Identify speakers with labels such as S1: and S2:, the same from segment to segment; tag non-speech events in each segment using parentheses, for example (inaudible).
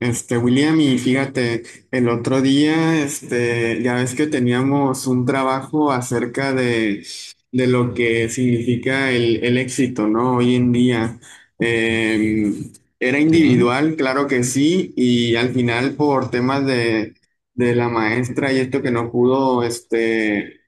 S1: William, y fíjate, el otro día, ya ves que teníamos un trabajo acerca de lo que significa el éxito, ¿no? Hoy en día. Eh, era
S2: Sí,
S1: individual, claro que sí, y al final por temas de la maestra y esto que no pudo,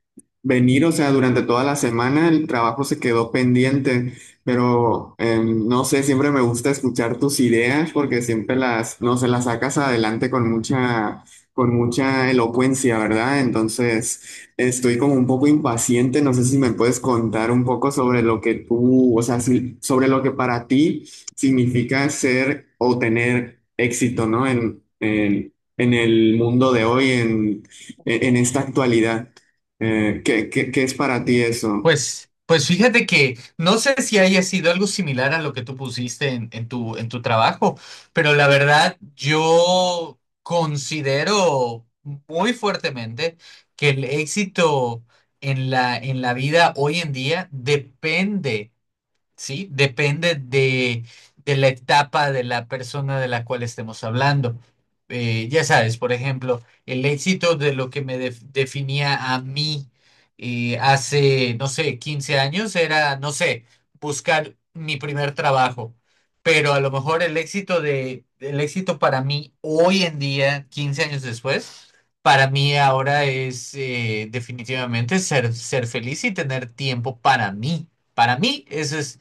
S1: venir, o sea, durante toda la semana el trabajo se quedó pendiente. Pero no sé, siempre me gusta escuchar tus ideas porque siempre no sé, las sacas adelante con mucha elocuencia, ¿verdad? Entonces, estoy como un poco impaciente. No sé si me puedes contar un poco sobre lo que tú, o sea, sobre lo que para ti significa ser o tener éxito, ¿no? En el mundo de hoy, en esta actualidad. ¿Qué es para ti eso?
S2: pues, pues fíjate que no sé si haya sido algo similar a lo que tú pusiste en tu trabajo, pero la verdad yo considero muy fuertemente que el éxito en la vida hoy en día depende, ¿sí? Depende de la etapa de la persona de la cual estemos hablando. Ya sabes, por ejemplo, el éxito de lo que definía a mí hace, no sé, 15 años era, no sé, buscar mi primer trabajo. Pero a lo mejor el éxito de, el éxito para mí hoy en día, 15 años después, para mí ahora es definitivamente ser, ser feliz y tener tiempo para mí. Para mí, eso es,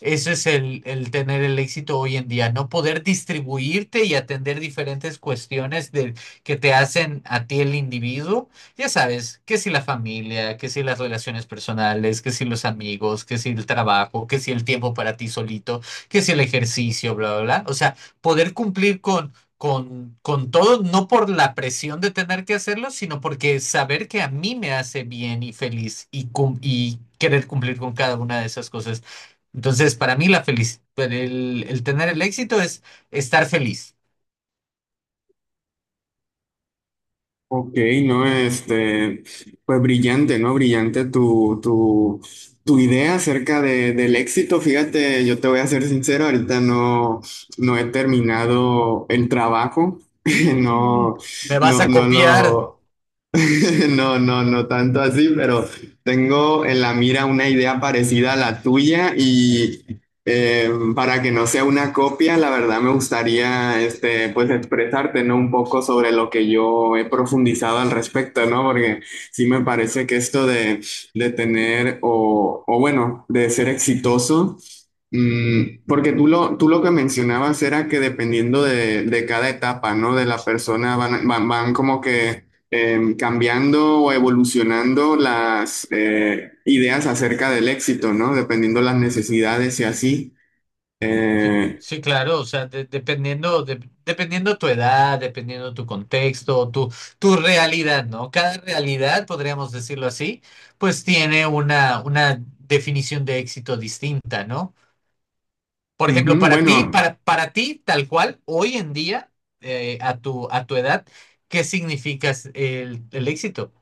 S2: eso es el tener el éxito hoy en día, no poder distribuirte y atender diferentes cuestiones de, que te hacen a ti el individuo. Ya sabes, que si la familia, que si las relaciones personales, que si los amigos, que si el trabajo, que si el tiempo para ti solito, que si el ejercicio, bla, bla, bla. O sea, poder cumplir con todo, no por la presión de tener que hacerlo, sino porque saber que a mí me hace bien y feliz y, y querer cumplir con cada una de esas cosas. Entonces, para mí la felicidad, el tener el éxito es estar feliz.
S1: Ok, no, pues brillante, ¿no? Brillante tu idea acerca de, del éxito. Fíjate, yo te voy a ser sincero, ahorita no, no he terminado el trabajo, (laughs) no,
S2: ¿Me vas
S1: no,
S2: a
S1: no
S2: copiar?
S1: lo, (laughs) No, no, no tanto así, pero tengo en la mira una idea parecida a la tuya y para que no sea una copia, la verdad me gustaría pues expresarte, ¿no? Un poco sobre lo que yo he profundizado al respecto, ¿no? Porque sí me parece que esto de tener o bueno, de ser exitoso.
S2: Ujú.
S1: Mm, porque tú lo que mencionabas era que dependiendo de cada etapa, ¿no? De la persona van como que cambiando o evolucionando las ideas acerca del éxito, ¿no? Dependiendo las necesidades y así.
S2: Sí,
S1: Eh,
S2: sí, claro, o sea, dependiendo, dependiendo tu edad, dependiendo tu contexto, tu realidad, ¿no? Cada realidad, podríamos decirlo así, pues tiene una definición de éxito distinta, ¿no? Por ejemplo,
S1: ujú, bueno.
S2: para ti, tal cual, hoy en día, a tu edad, ¿qué significa el éxito?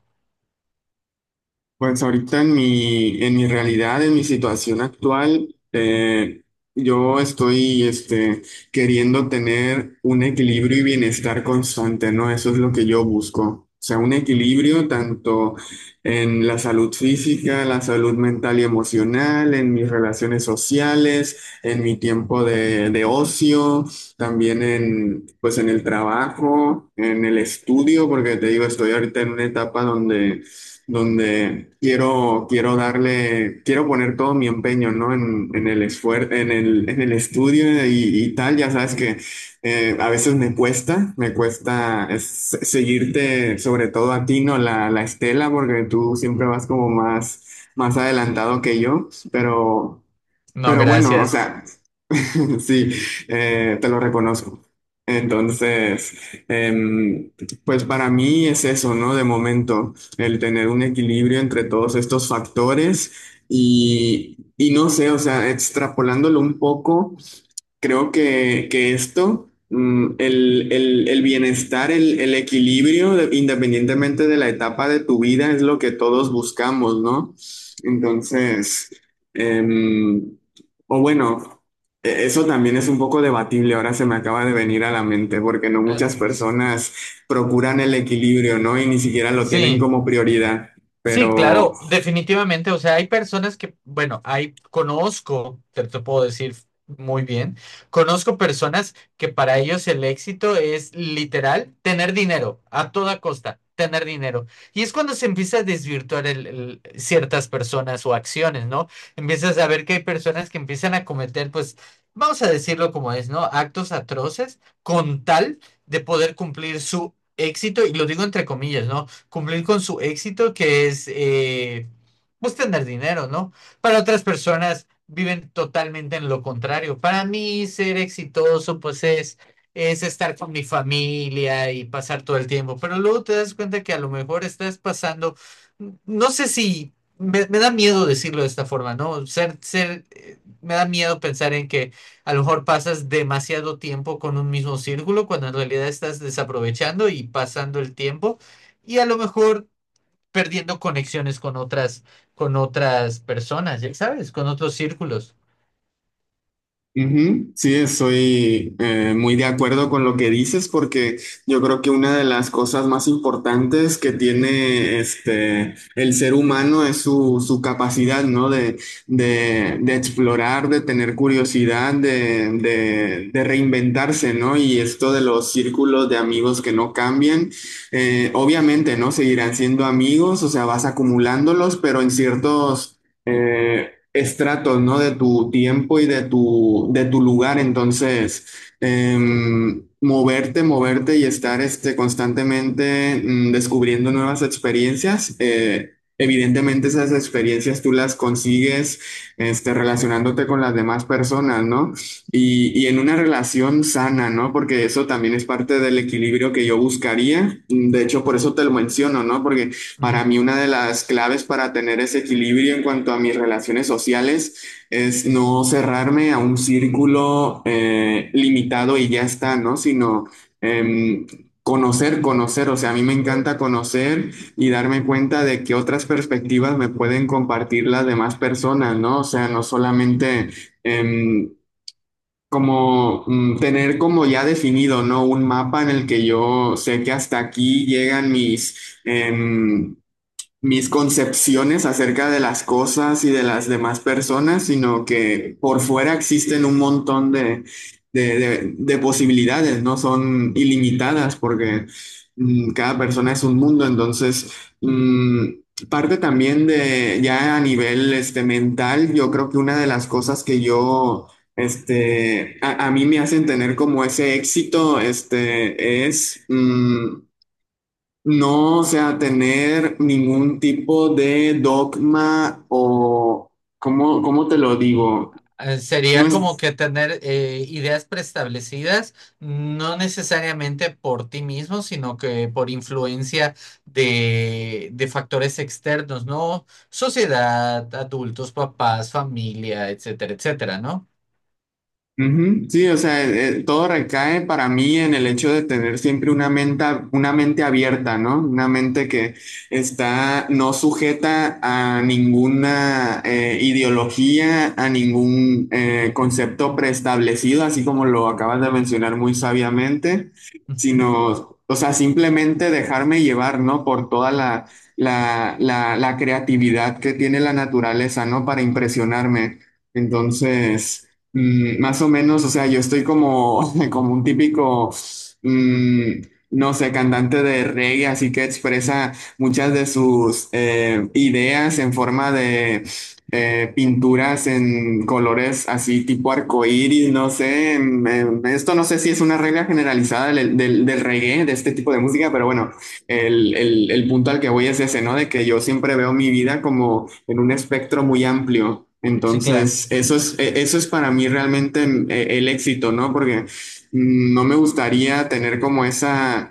S1: Pues ahorita en mi realidad, en mi situación actual, yo estoy queriendo tener un equilibrio y bienestar constante, ¿no? Eso es lo que yo busco. O sea, un equilibrio tanto en la salud física, la salud mental y emocional, en mis relaciones sociales, en mi tiempo de ocio, también en, pues en el trabajo, en el estudio, porque te digo, estoy ahorita en una etapa donde quiero darle, quiero poner todo mi empeño, ¿no? En el esfuer en el estudio y tal. Ya sabes que a veces me cuesta seguirte, sobre todo a ti, ¿no? La estela, porque tú siempre vas como más, más adelantado que yo,
S2: No,
S1: pero bueno, o
S2: gracias.
S1: sea. (laughs) Sí, te lo reconozco. Entonces, em, pues para mí es eso, ¿no? De momento, el tener un equilibrio entre todos estos factores y no sé, o sea, extrapolándolo un poco. Creo que esto, mm, el bienestar, el equilibrio, de- independientemente de la etapa de tu vida, es lo que todos buscamos, ¿no? Entonces, em, o bueno, e- eso también es un poco debatible, ahora se me acaba de venir a la mente, porque no
S2: Eh,
S1: muchas personas procuran el equilibrio, ¿no? Y ni siquiera lo tienen
S2: Sí,
S1: como prioridad,
S2: Sí,
S1: pero...
S2: claro, definitivamente. O sea, hay personas que, bueno, hay, conozco, te puedo decir muy bien, conozco personas que para ellos el éxito es literal tener dinero, a toda costa, tener dinero. Y es cuando se empieza a desvirtuar ciertas personas o acciones, ¿no? Empiezas a ver que hay personas que empiezan a cometer, pues, vamos a decirlo como es, ¿no? Actos atroces con tal de poder cumplir su éxito, y lo digo entre comillas, ¿no? Cumplir con su éxito, que es pues tener dinero, ¿no? Para otras personas viven totalmente en lo contrario. Para mí ser exitoso pues es estar con mi familia y pasar todo el tiempo, pero luego te das cuenta que a lo mejor estás pasando, no sé si... Me da miedo decirlo de esta forma, ¿no? Ser, ser, me da miedo pensar en que a lo mejor pasas demasiado tiempo con un mismo círculo cuando en realidad estás desaprovechando y pasando el tiempo y a lo mejor perdiendo conexiones con otras personas, ya sabes, con otros círculos.
S1: Ujú, sí, estoy muy de acuerdo con lo que dices porque yo creo que una de las cosas más importantes que tiene el ser humano es su, su capacidad, ¿no? De explorar, de tener curiosidad, de reinventarse, ¿no? Y esto de los círculos de amigos que no cambian, obviamente, ¿no? Seguirán siendo amigos, o sea, vas acumulándolos, pero en ciertos... estratos, ¿no? De tu tiempo y de tu lugar. Entonces, moverte, moverte y estar constantemente descubriendo nuevas experiencias. Evidentemente esas experiencias tú las consigues relacionándote con las demás personas, ¿no? Y en una relación sana, ¿no? Porque eso también es parte del equilibrio que yo buscaría. De hecho, por eso te lo menciono, ¿no? Porque para
S2: Ujú.
S1: mí una de las claves para tener ese equilibrio en cuanto a mis relaciones sociales es no cerrarme a un círculo limitado y ya está, ¿no? Sino em, conocer, conocer. O sea, a mí me encanta conocer y darme cuenta de que otras perspectivas me pueden compartir las demás personas, ¿no? O sea, no solamente... em, como tener como ya definido, ¿no? Un mapa en el que yo sé que hasta aquí llegan mis, mis concepciones acerca de las cosas y de las demás personas, sino que por fuera existen un montón de, de posibilidades, no son ilimitadas porque cada persona es un mundo, entonces mm, parte también de ya a nivel mental, yo creo que una de las cosas que yo... a mí me hacen tener como ese éxito, es mm, no, o sea, tener ningún tipo de dogma o, ¿cómo, cómo te lo digo? No
S2: Sería como
S1: es
S2: que tener ideas preestablecidas, no necesariamente por ti mismo, sino que por influencia de factores externos, ¿no? Sociedad, adultos, papás, familia, etcétera, etcétera, ¿no?
S1: ujú, sí, o sea, todo recae para mí en el hecho de tener siempre una mente abierta, ¿no? Una mente que está no sujeta a ninguna ideología, a ningún concepto preestablecido, así como lo acabas de mencionar muy sabiamente,
S2: Ujú.
S1: sino, o sea, simplemente dejarme llevar, ¿no? Por toda la creatividad que tiene la naturaleza, ¿no? Para impresionarme. Entonces... Mm, más o menos, o sea, yo estoy como, (laughs) como un típico, mm, no sé, cantante de reggae, así que expresa muchas de sus ideas en forma de pinturas en colores así tipo arcoíris, no sé, esto no sé si es una regla generalizada del reggae, de este tipo de música, pero bueno, el punto al que voy es ese, ¿no? De que yo siempre veo mi vida como en un espectro muy amplio.
S2: Sí, claro,
S1: Entonces, eso es, e- eso es para mí realmente mm, e- el éxito, ¿no? Porque mm, no me gustaría tener como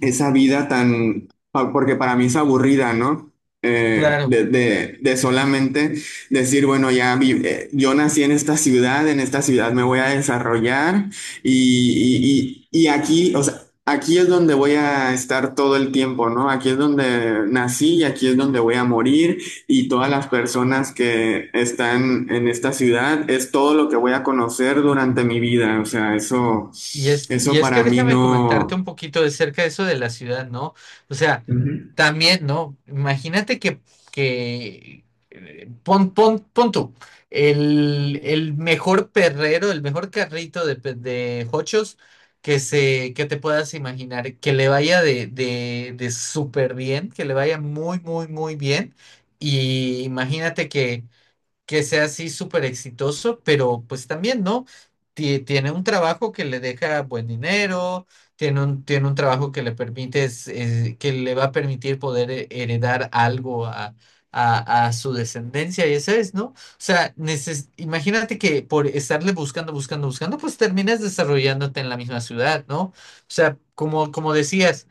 S1: esa vida tan, pa- porque para mí es aburrida, ¿no?
S2: claro.
S1: De solamente decir, bueno, ya vi- yo nací en esta ciudad me voy a desarrollar y, y aquí, o sea, aquí es donde voy a estar todo el tiempo, ¿no? Aquí es donde nací y aquí es donde voy a morir y todas las personas que están en esta ciudad es todo lo que voy a conocer durante mi vida, o sea, eso,
S2: Y
S1: eso
S2: es
S1: para
S2: que
S1: mí
S2: déjame comentarte
S1: no.
S2: un poquito de cerca de eso de la ciudad, ¿no? O sea, también, ¿no? Imagínate que pon tú, el mejor perrero, el mejor carrito de, de jochos que se, que te puedas imaginar, que le vaya de súper bien, que le vaya muy bien. Y imagínate que sea así súper exitoso, pero pues también, ¿no? Tiene un trabajo que le deja buen dinero, tiene un trabajo que le permite, que le va a permitir poder heredar algo a, a su descendencia, y eso es, ¿no? O sea, imagínate que por estarle buscando, pues terminas desarrollándote en la misma ciudad, ¿no? O sea, como, como decías.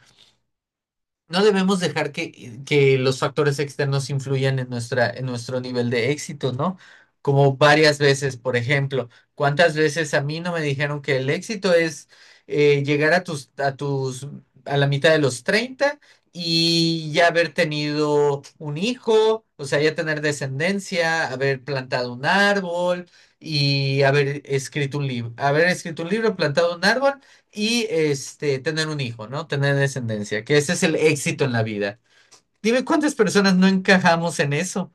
S2: No debemos dejar que los factores externos influyan en nuestra, en nuestro nivel de éxito, ¿no? Como varias veces, por ejemplo, ¿cuántas veces a mí no me dijeron que el éxito es llegar a tus, a tus, a la mitad de los 30 y ya haber tenido un hijo, o sea, ya tener descendencia, haber plantado un árbol y haber escrito un libro, haber escrito un libro, plantado un árbol y este, tener un hijo, ¿no? Tener descendencia, que ese es el éxito en la vida. Dime cuántas personas no encajamos en eso.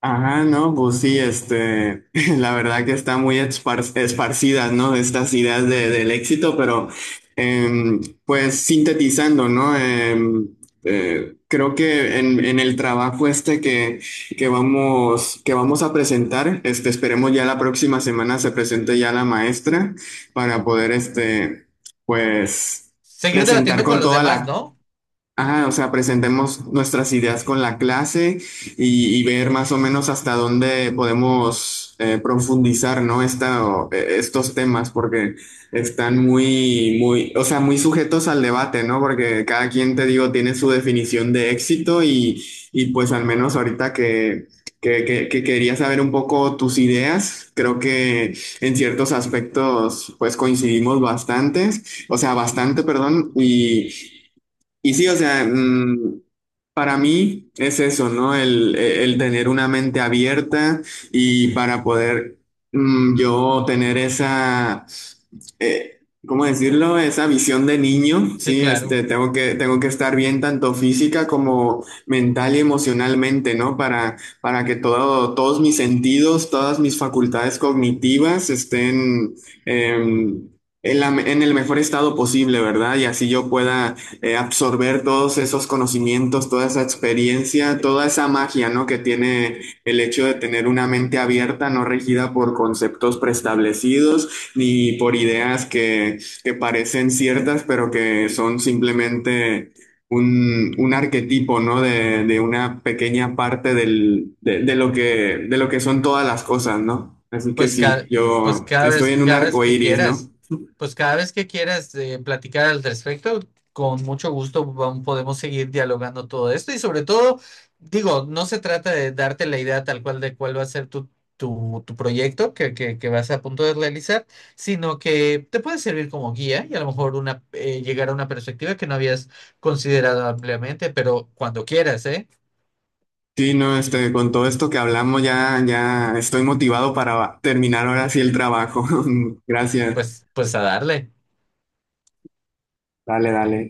S1: Ajá, no, pues sí, (laughs) la verdad que están muy espar- esparcidas, ¿no? Estas ideas de- del éxito, pero pues sintetizando, ¿no? Em, creo que en el trabajo este que vamos a presentar, esperemos ya la próxima semana se presente ya la maestra para poder, pues,
S2: Seguir
S1: presentar
S2: debatiendo con
S1: con
S2: los
S1: toda
S2: demás,
S1: la...
S2: ¿no?
S1: Ah, o sea, presentemos nuestras ideas con la clase y ver más o menos hasta dónde podemos profundizar, ¿no? Esta, o, estos temas, porque están muy, muy, o sea, muy sujetos al debate, ¿no? Porque cada quien, te digo, tiene su definición de éxito y pues al menos ahorita que quería saber un poco tus ideas, creo que en ciertos aspectos, pues coincidimos bastantes. O sea, bastante, perdón. Y sí, o sea, mm, para mí es eso, ¿no? El tener una mente abierta y para poder mm, yo tener esa, eh, ¿cómo decirlo? Esa visión de niño,
S2: Sí,
S1: ¿sí?
S2: claro.
S1: Tengo que estar bien tanto física como mental y emocionalmente, ¿no? Para que todo, todos mis sentidos, todas mis facultades cognitivas estén... em, en en el mejor estado posible, ¿verdad? Y así yo pueda absorber todos esos conocimientos, toda esa experiencia, toda esa magia, ¿no? Que tiene el hecho de tener una mente abierta, no regida por conceptos preestablecidos ni por ideas que parecen ciertas, pero que son simplemente un arquetipo, ¿no? De una pequeña parte del, de lo que son todas las cosas, ¿no? Así que
S2: Pues
S1: sí,
S2: cada, pues
S1: yo estoy en un
S2: cada vez
S1: arco
S2: que
S1: iris, ¿no?
S2: quieras, pues cada vez que quieras platicar al respecto, con mucho gusto podemos seguir dialogando todo esto y sobre todo, digo, no se trata de darte la idea tal cual de cuál va a ser tu, tu, tu proyecto que, vas a punto de realizar, sino que te puede servir como guía y a lo mejor una, llegar a una perspectiva que no habías considerado ampliamente, pero cuando quieras, ¿eh?
S1: Sí, no, con todo esto que hablamos ya, ya estoy motivado para terminar ahora sí el trabajo. (laughs) Gracias.
S2: Pues, pues a darle.
S1: Dale, dale.